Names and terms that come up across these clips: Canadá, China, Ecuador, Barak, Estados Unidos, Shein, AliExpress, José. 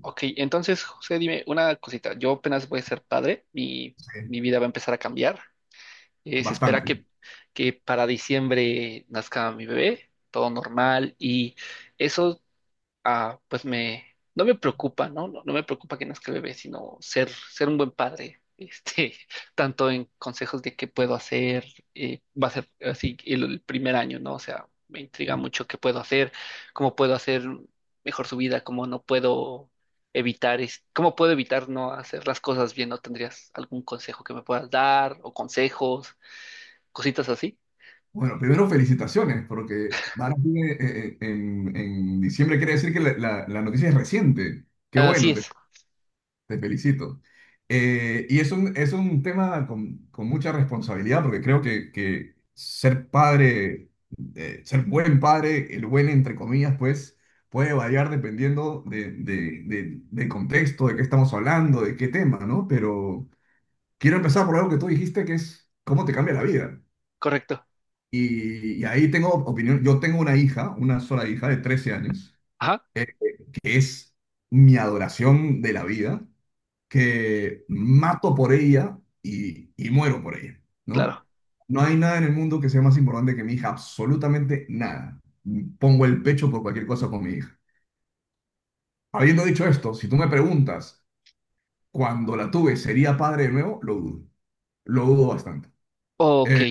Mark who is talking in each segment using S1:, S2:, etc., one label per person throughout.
S1: Ok, entonces, José, dime una cosita. Yo apenas voy a ser padre, mi
S2: Sí,
S1: vida va a empezar a cambiar. Se espera
S2: bastante.
S1: que para diciembre nazca mi bebé, todo normal. Y eso ah, pues me, no me preocupa, ¿no? No me preocupa que nazca el bebé, sino ser un buen padre, este, tanto en consejos de qué puedo hacer, va a ser así el primer año, ¿no? O sea, me intriga
S2: ¿No?
S1: mucho qué puedo hacer, cómo puedo hacer mejor su vida, cómo no puedo evitar, cómo puedo evitar no hacer las cosas bien, ¿no? ¿Tendrías algún consejo que me puedas dar o consejos, cositas así?
S2: Bueno, primero felicitaciones, porque Barak viene, en diciembre. Quiere decir que la noticia es reciente. Qué
S1: Así
S2: bueno, te,
S1: es,
S2: te felicito. Y es un tema con mucha responsabilidad, porque creo que ser padre, ser buen padre, el buen entre comillas, pues puede variar dependiendo del contexto, de qué estamos hablando, de qué tema, ¿no? Pero quiero empezar por algo que tú dijiste, que es cómo te cambia la vida.
S1: correcto.
S2: Y ahí tengo opinión. Yo tengo una hija, una sola hija de 13 años,
S1: Ajá,
S2: eh, que es mi adoración de la vida, que mato por ella y muero por ella, ¿no?
S1: claro.
S2: No hay nada en el mundo que sea más importante que mi hija, absolutamente nada. Pongo el pecho por cualquier cosa con mi hija. Habiendo dicho esto, si tú me preguntas, cuando la tuve, ¿sería padre de nuevo? Lo dudo. Lo dudo bastante.
S1: Ok.
S2: Eh,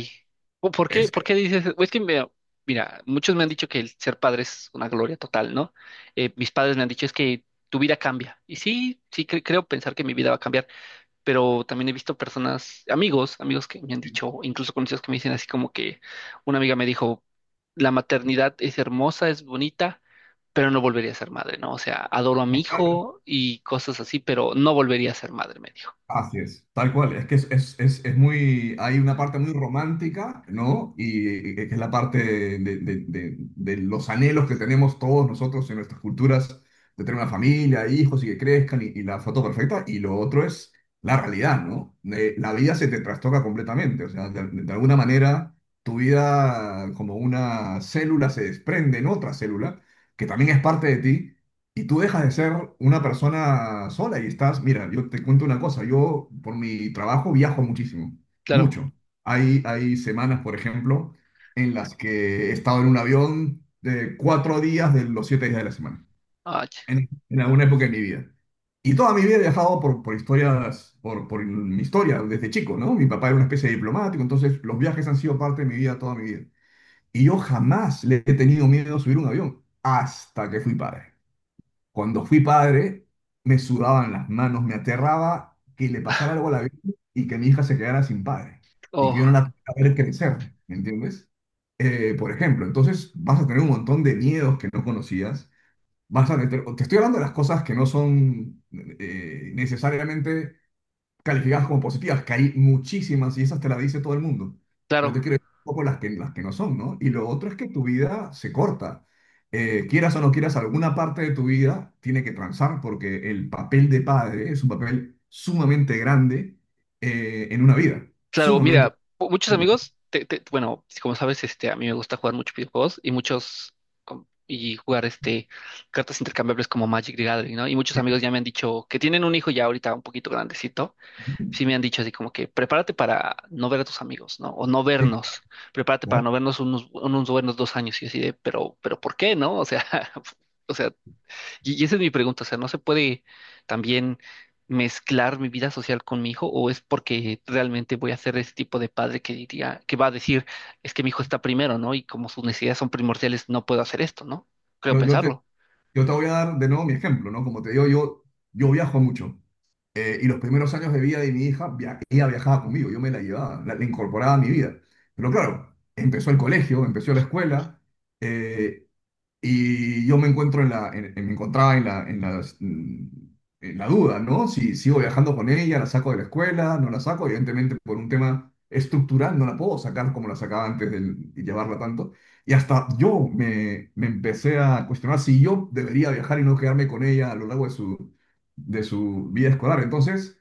S1: ¿O ¿Por
S2: es,
S1: por qué dices? Es que, mira, mira, muchos me han dicho que el ser padre es una gloria total, ¿no? Mis padres me han dicho es que tu vida cambia. Y sí, creo pensar que mi vida va a cambiar, pero también he visto personas, amigos que me han dicho, incluso conocidos que me dicen así como que una amiga me dijo, la maternidad es hermosa, es bonita, pero no volvería a ser madre, ¿no? O sea, adoro a mi hijo y cosas así, pero no volvería a ser madre, me dijo.
S2: Así es, tal cual. Es que es, es muy. Hay una parte muy romántica, ¿no? Y que es la parte de, de- de los anhelos que tenemos todos nosotros en nuestras culturas, de tener una familia, hijos y que crezcan, y la foto perfecta. Y lo otro es la realidad, ¿no? La vida se te trastoca completamente. O sea, de alguna manera, tu vida, como una célula, se desprende en otra célula, que también es parte de ti y tú dejas de ser una persona sola y estás, mira, yo te cuento una cosa, yo por mi trabajo viajo muchísimo,
S1: Claro.
S2: mucho. Hay semanas, por ejemplo, en las que he estado en un avión de 4 días de los 7 días de la semana,
S1: Ah, ch-
S2: en alguna época de mi vida. Y toda mi vida he viajado por historias, por mi historia desde chico, ¿no? Mi papá era una especie de diplomático, entonces los viajes han sido parte de mi vida toda mi vida. Y yo jamás le he tenido miedo a subir un avión hasta que fui padre. Cuando fui padre, me sudaban las manos, me aterraba que le pasara algo a la vida y que mi hija se quedara sin padre y que yo no la
S1: oh,
S2: pudiera ver crecer, ¿me entiendes? Por ejemplo, entonces vas a tener un montón de miedos que no conocías, te estoy hablando de las cosas que no son necesariamente calificadas como positivas, que hay muchísimas y esas te las dice todo el mundo. Yo
S1: claro.
S2: te quiero decir un poco las que no son, ¿no? Y lo otro es que tu vida se corta. Quieras o no quieras, alguna parte de tu vida tiene que transar porque el papel de padre es un papel sumamente grande en una vida,
S1: Claro,
S2: sumamente
S1: mira, muchos
S2: importante.
S1: amigos, bueno, como sabes, este, a mí me gusta jugar muchos videojuegos y muchos y jugar este cartas intercambiables como Magic the Gathering, ¿no? Y muchos amigos ya me han dicho que tienen un hijo ya ahorita un poquito grandecito, sí me han dicho así como que prepárate para no ver a tus amigos, ¿no? O no
S2: Sí,
S1: vernos, prepárate para
S2: claro.
S1: no vernos unos buenos 2 años y así de, pero ¿por qué, no? O sea, o sea, y esa es mi pregunta, o sea, ¿no se puede también mezclar mi vida social con mi hijo o es porque realmente voy a ser ese tipo de padre que que va a decir, es que mi hijo está primero, ¿no? Y como sus necesidades son primordiales, no puedo hacer esto, ¿no? Creo
S2: No,
S1: pensarlo.
S2: yo te voy a dar de nuevo mi ejemplo, ¿no? Como te digo, yo viajo mucho. Y los primeros años de vida de mi hija, ella viajaba conmigo, yo me la llevaba, la incorporaba a mi vida. Pero claro, empezó el colegio, empezó la escuela, eh, y yo me encontraba en la, en la duda, ¿no? Si sigo viajando con ella, la saco de la escuela, no la saco, evidentemente por un tema estructural no la puedo sacar como la sacaba antes de llevarla tanto. Y hasta yo me empecé a cuestionar si yo debería viajar y no quedarme con ella a lo largo de su vida escolar. Entonces,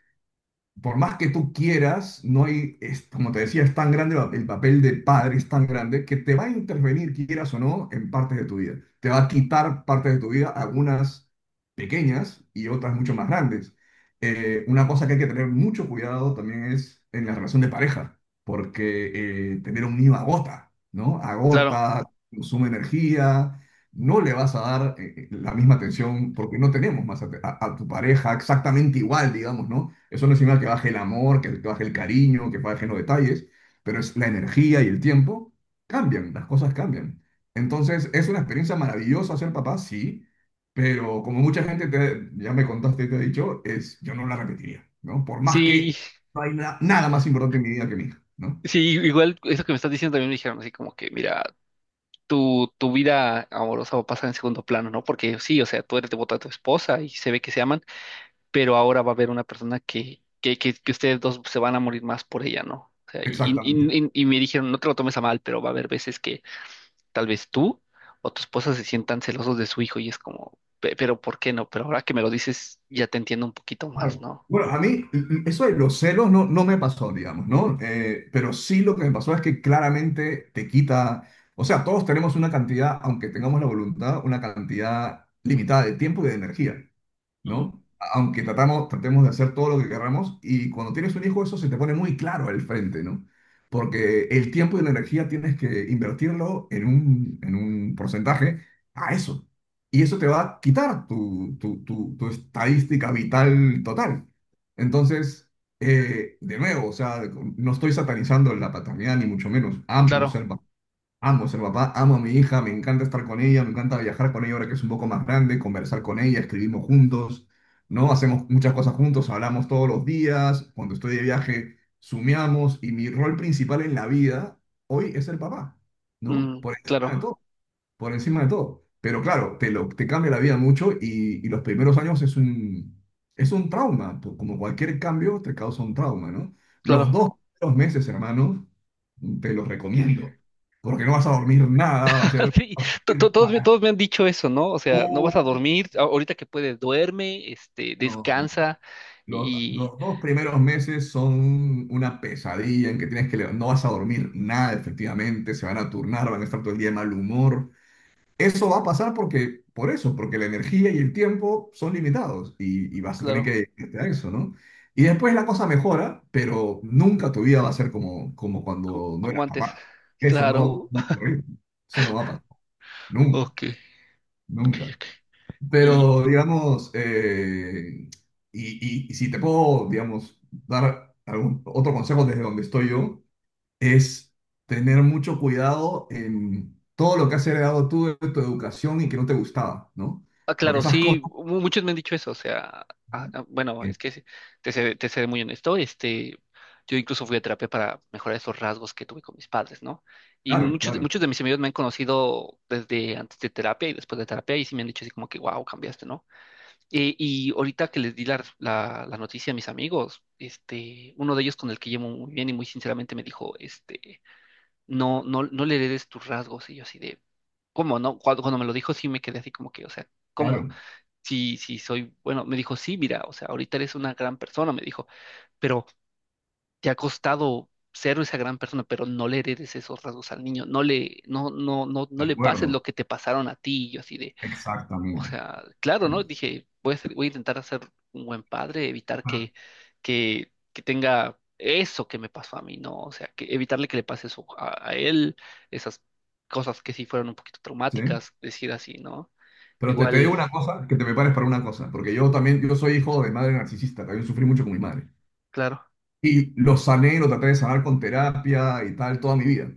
S2: por más que tú quieras, no hay, es, como te decía, es tan grande el papel de padre, es tan grande que te va a intervenir, quieras o no, en partes de tu vida. Te va a quitar partes de tu vida, algunas pequeñas y otras mucho más grandes. Una cosa que hay que tener mucho cuidado también es en la relación de pareja, porque tener un niño agota, ¿no?
S1: Claro.
S2: Agota, consume energía. No le vas a dar la misma atención porque no tenemos más a tu pareja exactamente igual, digamos, ¿no? Eso no es señal que baje el amor, que baje el cariño, que bajen los detalles, pero es la energía y el tiempo cambian, las cosas cambian. Entonces, es una experiencia maravillosa ser papá, sí, pero como mucha gente ya me contaste, te he dicho, es, yo no la repetiría, ¿no? Por más
S1: Sí,
S2: que no hay nada más importante en mi vida que mi hija, ¿no?
S1: sí, igual eso que me estás diciendo también me dijeron así como que, mira, tu vida amorosa va a pasar en segundo plano, ¿no? Porque sí, o sea, tú eres devota a tu esposa y se ve que se aman, pero ahora va a haber una persona que ustedes dos se van a morir más por ella, ¿no? O sea,
S2: Exactamente.
S1: y me dijeron, no te lo tomes a mal, pero va a haber veces que tal vez tú o tu esposa se sientan celosos de su hijo y es como, pero ¿por qué no? Pero ahora que me lo dices, ya te entiendo un poquito más,
S2: Claro.
S1: ¿no?
S2: Bueno, a mí eso de los celos no me pasó, digamos, ¿no? Pero sí lo que me pasó es que claramente te quita, o sea, todos tenemos una cantidad, aunque tengamos la voluntad, una cantidad limitada de tiempo y de energía.
S1: Ujú.
S2: ¿No? Aunque tratemos de hacer todo lo que queramos, y cuando tienes un hijo eso se te pone muy claro al frente, ¿no? Porque el tiempo y la energía tienes que invertirlo en un porcentaje a eso. Y eso te va a quitar tu estadística vital total. Entonces, de nuevo, o sea, no estoy satanizando la paternidad ni mucho menos. Amo
S1: Claro,
S2: ser papá. Amo a mi hija, me encanta estar con ella, me encanta viajar con ella ahora que es un poco más grande, conversar con ella, escribimos juntos, ¿no? Hacemos muchas cosas juntos, hablamos todos los días, cuando estoy de viaje, sumeamos y mi rol principal en la vida hoy es ser papá, ¿no? Por encima
S1: claro,
S2: de todo por encima de todo. Pero claro, te cambia la vida mucho y los primeros años es un trauma, como cualquier cambio te causa un trauma, ¿no? Los
S1: claro.
S2: dos primeros meses, hermano, te los recomiendo, porque no vas a dormir nada, va a ser
S1: Sí,
S2: vas a ir
S1: todos,
S2: para.
S1: todos me han dicho eso, ¿no? O sea, no vas a
S2: Uh,
S1: dormir, ahorita que puedes, duerme, este,
S2: No, no.
S1: descansa
S2: Los,
S1: y,
S2: los dos primeros meses son una pesadilla en que tienes que. No vas a dormir nada, efectivamente, se van a turnar, van a estar todo el día de mal humor. Eso va a pasar porque, por eso, porque la energía y el tiempo son limitados y vas a tener
S1: claro,
S2: que gestionar eso, ¿no? Y después la cosa mejora, pero nunca tu vida va a ser como, como cuando no
S1: como
S2: eras
S1: antes,
S2: papá. Eso no,
S1: claro.
S2: no va a ocurrir. Eso no va a pasar. Nunca,
S1: Ok, ok,
S2: nunca.
S1: ok. Y
S2: Pero, digamos, y, y si te puedo, digamos, dar algún otro consejo desde donde estoy yo, es tener mucho cuidado en todo lo que has heredado tú de tu educación y que no te gustaba, ¿no? Porque
S1: claro,
S2: esas cosas.
S1: sí, muchos me han dicho eso, o sea, bueno,
S2: que-
S1: es que te seré muy honesto, este, yo incluso fui a terapia para mejorar esos rasgos que tuve con mis padres, ¿no? Y
S2: Claro, claro,
S1: muchos de mis amigos me han conocido desde antes de terapia y después de terapia y sí me han dicho así como que, wow, cambiaste, ¿no? Y ahorita que les di la noticia a mis amigos, este, uno de ellos con el que llevo muy bien y muy sinceramente me dijo, este... no le heredes tus rasgos. Y yo así de, ¿cómo no? Cuando me lo dijo, sí me quedé así como que, o sea, ¿cómo?
S2: claro,
S1: Sí, sí, soy, bueno, me dijo, sí, mira, o sea, ahorita eres una gran persona, me dijo, pero te ha costado ser esa gran persona, pero no le heredes esos rasgos al niño, no le, no, no, no,
S2: de
S1: no le pases
S2: acuerdo,
S1: lo que te pasaron a ti. Y yo así de, o
S2: exactamente.
S1: sea, claro, ¿no? Dije, voy a intentar hacer un buen padre, evitar
S2: Ah,
S1: que tenga eso que me pasó a mí, ¿no? O sea, que evitarle que le pase eso a él, esas cosas que sí fueron un poquito
S2: sí,
S1: traumáticas, decir así, ¿no?
S2: pero te digo
S1: Igual,
S2: una cosa, que te prepares para una cosa, porque yo también, yo soy hijo de madre narcisista, también sufrí mucho con mi madre.
S1: claro,
S2: Y lo sané, lo traté de sanar con terapia y tal toda mi vida.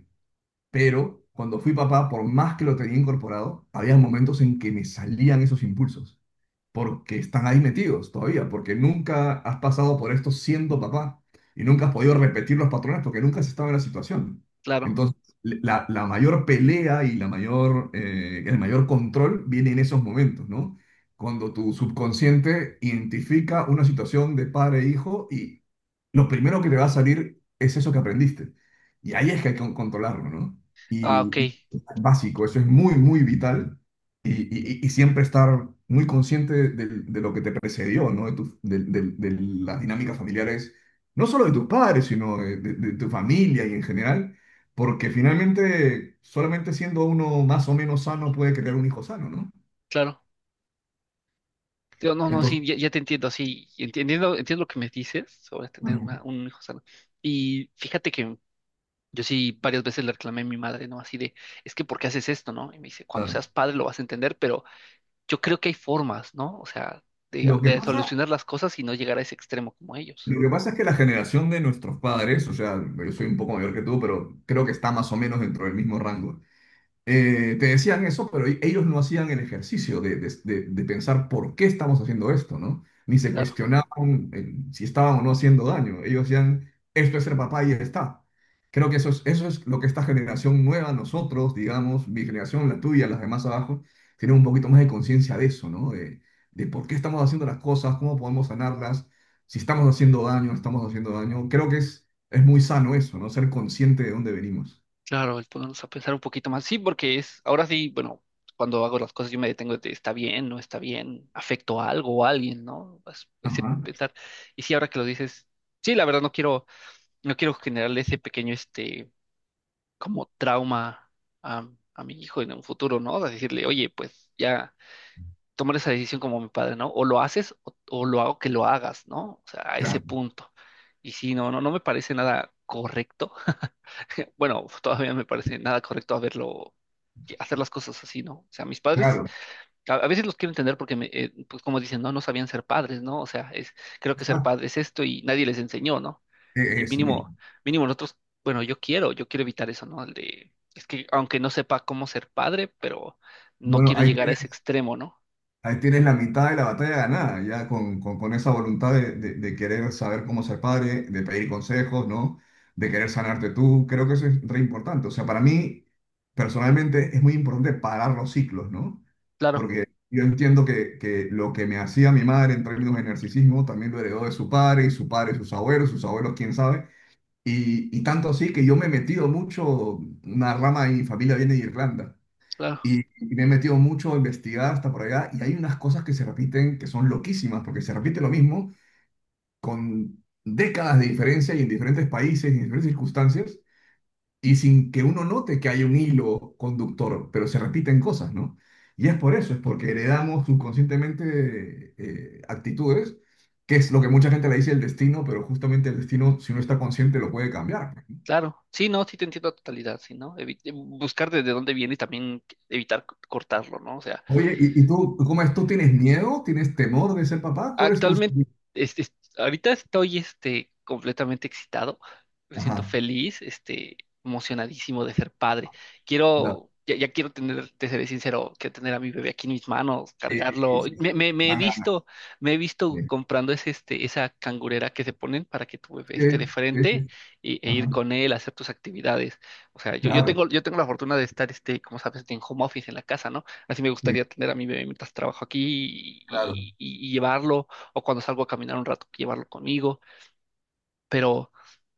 S2: Pero cuando fui papá, por más que lo tenía incorporado, había momentos en que me salían esos impulsos, porque están ahí metidos todavía, porque nunca has pasado por esto siendo papá y nunca has podido repetir los patrones porque nunca has estado en la situación.
S1: claro.
S2: Entonces, la mayor pelea y el mayor control viene en esos momentos, ¿no? Cuando tu subconsciente identifica una situación de padre e hijo y lo primero que te va a salir es eso que aprendiste. Y ahí es que hay que controlarlo, ¿no?
S1: Ah, ok,
S2: Y es básico, eso es muy, muy vital y siempre estar muy consciente de lo que te precedió, ¿no? De, tu- de las dinámicas familiares, no solo de tus padres, sino de tu familia y en general, porque finalmente solamente siendo uno más o menos sano puede crear un hijo sano, ¿no?
S1: claro. Yo, no, no, sí,
S2: Entonces,
S1: ya, ya te entiendo, sí, entiendo, entiendo lo que me dices sobre tener un hijo sano. Y fíjate que yo sí varias veces le reclamé a mi madre, ¿no? Así de, es que ¿por qué haces esto, no? Y me dice, cuando
S2: claro,
S1: seas padre lo vas a entender, pero yo creo que hay formas, ¿no? O sea,
S2: lo que
S1: de
S2: pasa,
S1: solucionar las cosas y no llegar a ese extremo como ellos.
S2: lo que pasa es que la generación de nuestros padres, o sea, yo soy un poco mayor que tú, pero creo que está más o menos dentro del mismo rango. Te decían eso, pero ellos no hacían el ejercicio de pensar por qué estamos haciendo esto, ¿no? Ni se
S1: Claro,
S2: cuestionaban si estaban o no haciendo daño. Ellos decían, esto es ser papá y ya está. Creo que eso es lo que esta generación nueva, nosotros, digamos, mi generación, la tuya, las demás abajo, tienen un poquito más de conciencia de eso, ¿no? De por qué estamos haciendo las cosas, cómo podemos sanarlas, si estamos haciendo daño, no estamos haciendo daño. Creo que es muy sano eso, ¿no? Ser consciente de dónde venimos.
S1: claro, el ponernos a pensar un poquito más. Sí, porque es, ahora sí, bueno, cuando hago las cosas yo me detengo de, está bien, no está bien, afecto a algo o a alguien, ¿no? Ese
S2: Ajá.
S1: pensar. Y sí, ahora que lo dices, sí, la verdad no quiero, no quiero generarle ese pequeño, este, como trauma a, a mi hijo en un futuro, ¿no? O decirle, oye, pues ya tomar esa decisión como mi padre, ¿no? O lo haces o lo hago que lo hagas, ¿no? O sea, a ese
S2: Claro,
S1: punto. Y sí, no, no, no me parece nada correcto. Bueno, todavía me parece nada correcto que hacer las cosas así, ¿no? O sea, mis padres
S2: claro.
S1: a veces los quiero entender porque, pues como dicen, no, no sabían ser padres, ¿no? O sea, es, creo que ser
S2: Exacto,
S1: padre es esto y nadie les enseñó, ¿no? Y
S2: eso
S1: mínimo,
S2: mismo.
S1: mínimo nosotros, bueno, yo quiero evitar eso, ¿no? El de, es que aunque no sepa cómo ser padre, pero no
S2: Bueno,
S1: quiero llegar a ese extremo, ¿no?
S2: ahí tienes la mitad de la batalla ganada, ya con, con esa voluntad de querer saber cómo ser padre, de pedir consejos, ¿no? De querer sanarte tú. Creo que eso es re importante. O sea, para mí, personalmente, es muy importante parar los ciclos, ¿no?
S1: Claro,
S2: Porque yo entiendo que lo que me hacía mi madre en términos de narcisismo también lo heredó de su padre, y su padre, sus abuelos, quién sabe. Y tanto así que yo me he metido mucho, una rama de mi familia viene de Irlanda.
S1: claro,
S2: Y me he metido mucho a investigar hasta por allá y hay unas cosas que se repiten que son loquísimas, porque se repite lo mismo con décadas de diferencia y en diferentes países y en diferentes circunstancias y sin que uno note que hay un hilo conductor, pero se repiten cosas, ¿no? Y es por eso, es porque heredamos subconscientemente actitudes, que es lo que mucha gente le dice el destino, pero justamente el destino, si uno está consciente, lo puede cambiar.
S1: claro. Sí, no, sí te entiendo a totalidad, sí, ¿no? Buscar desde dónde viene y también evitar cortarlo, ¿no? O sea,
S2: Oye, ¿y tú, cómo es? ¿Tú tienes miedo? ¿Tienes temor de ser papá? ¿Cuál es tu...
S1: actualmente, este, ahorita estoy este, completamente excitado, me siento
S2: Ajá.
S1: feliz, este, emocionadísimo de ser padre.
S2: Claro.
S1: Quiero, ya, ya quiero tener, te seré sincero, quiero tener a mi bebé aquí en mis manos,
S2: Sí, sí,
S1: cargarlo.
S2: sí, sí.
S1: Me he
S2: Dan ganas.
S1: visto, me he visto
S2: Sí,
S1: comprando ese, este, esa cangurera que se ponen para que tu bebé
S2: sí,
S1: esté de
S2: sí,
S1: frente
S2: sí.
S1: e ir
S2: Ajá.
S1: con él a hacer tus actividades. O sea,
S2: Claro,
S1: yo tengo la fortuna de estar, este, como sabes, en home office en la casa, ¿no? Así me
S2: sí,
S1: gustaría tener a mi bebé mientras trabajo aquí
S2: claro.
S1: y llevarlo o cuando salgo a caminar un rato, llevarlo conmigo, pero,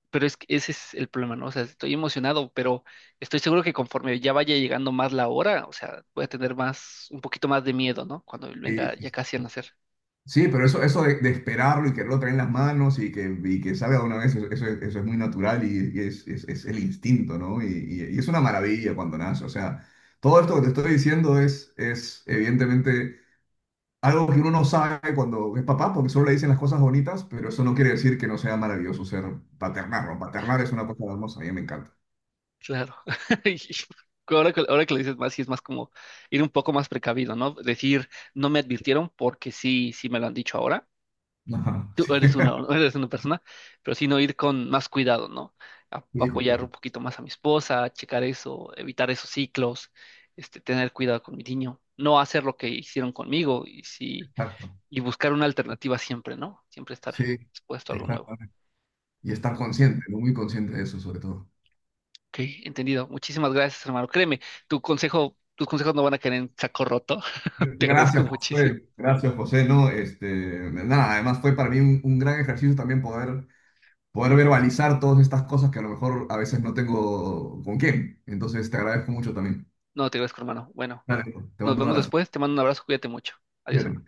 S1: pero es que ese es el problema, ¿no? O sea, estoy emocionado, pero estoy seguro que conforme ya vaya llegando más la hora, o sea, voy a tener más, un poquito más de miedo, ¿no? Cuando él
S2: Sí,
S1: venga
S2: sí,
S1: ya
S2: sí.
S1: casi a nacer.
S2: Sí, pero eso de esperarlo y quererlo traer en las manos y que salga de una vez, eso, eso es muy natural y es, es el instinto, ¿no? Y es una maravilla cuando nace. O sea, todo esto que te estoy diciendo es evidentemente algo que uno no sabe cuando es papá, porque solo le dicen las cosas bonitas, pero eso no quiere decir que no sea maravilloso ser paternar, ¿no? Paternar es una cosa hermosa, a mí me encanta.
S1: Claro. Y ahora ahora que lo dices más, sí es más como ir un poco más precavido, ¿no? Decir, no me advirtieron porque sí, sí me lo han dicho ahora
S2: Ajá,
S1: tú
S2: sí.
S1: eres una, eres una persona, pero sino ir con más cuidado, ¿no?
S2: Hijo de
S1: Apoyar
S2: tu-
S1: un poquito más a mi esposa, checar eso, evitar esos ciclos, este, tener cuidado con mi niño, no hacer lo que hicieron conmigo y, si,
S2: Exacto.
S1: y buscar una alternativa siempre, ¿no? Siempre estar
S2: Sí,
S1: expuesto a algo nuevo.
S2: exactamente. Y estar
S1: Ok,
S2: consciente, ¿no? Muy consciente de eso, sobre todo.
S1: entendido. Muchísimas gracias, hermano. Créeme, tus consejos no van a caer en saco roto. Te agradezco
S2: Gracias,
S1: muchísimo.
S2: José. Gracias, José. No, este, nada, además fue para mí un gran ejercicio también poder, poder verbalizar todas estas cosas que a lo mejor a veces no tengo con quién. Entonces, te agradezco mucho también.
S1: No, te agradezco, hermano. Bueno,
S2: Dale, te
S1: nos
S2: mando un
S1: vemos
S2: abrazo.
S1: después. Te mando un abrazo. Cuídate mucho. Adiós, hermano.
S2: Cuídate.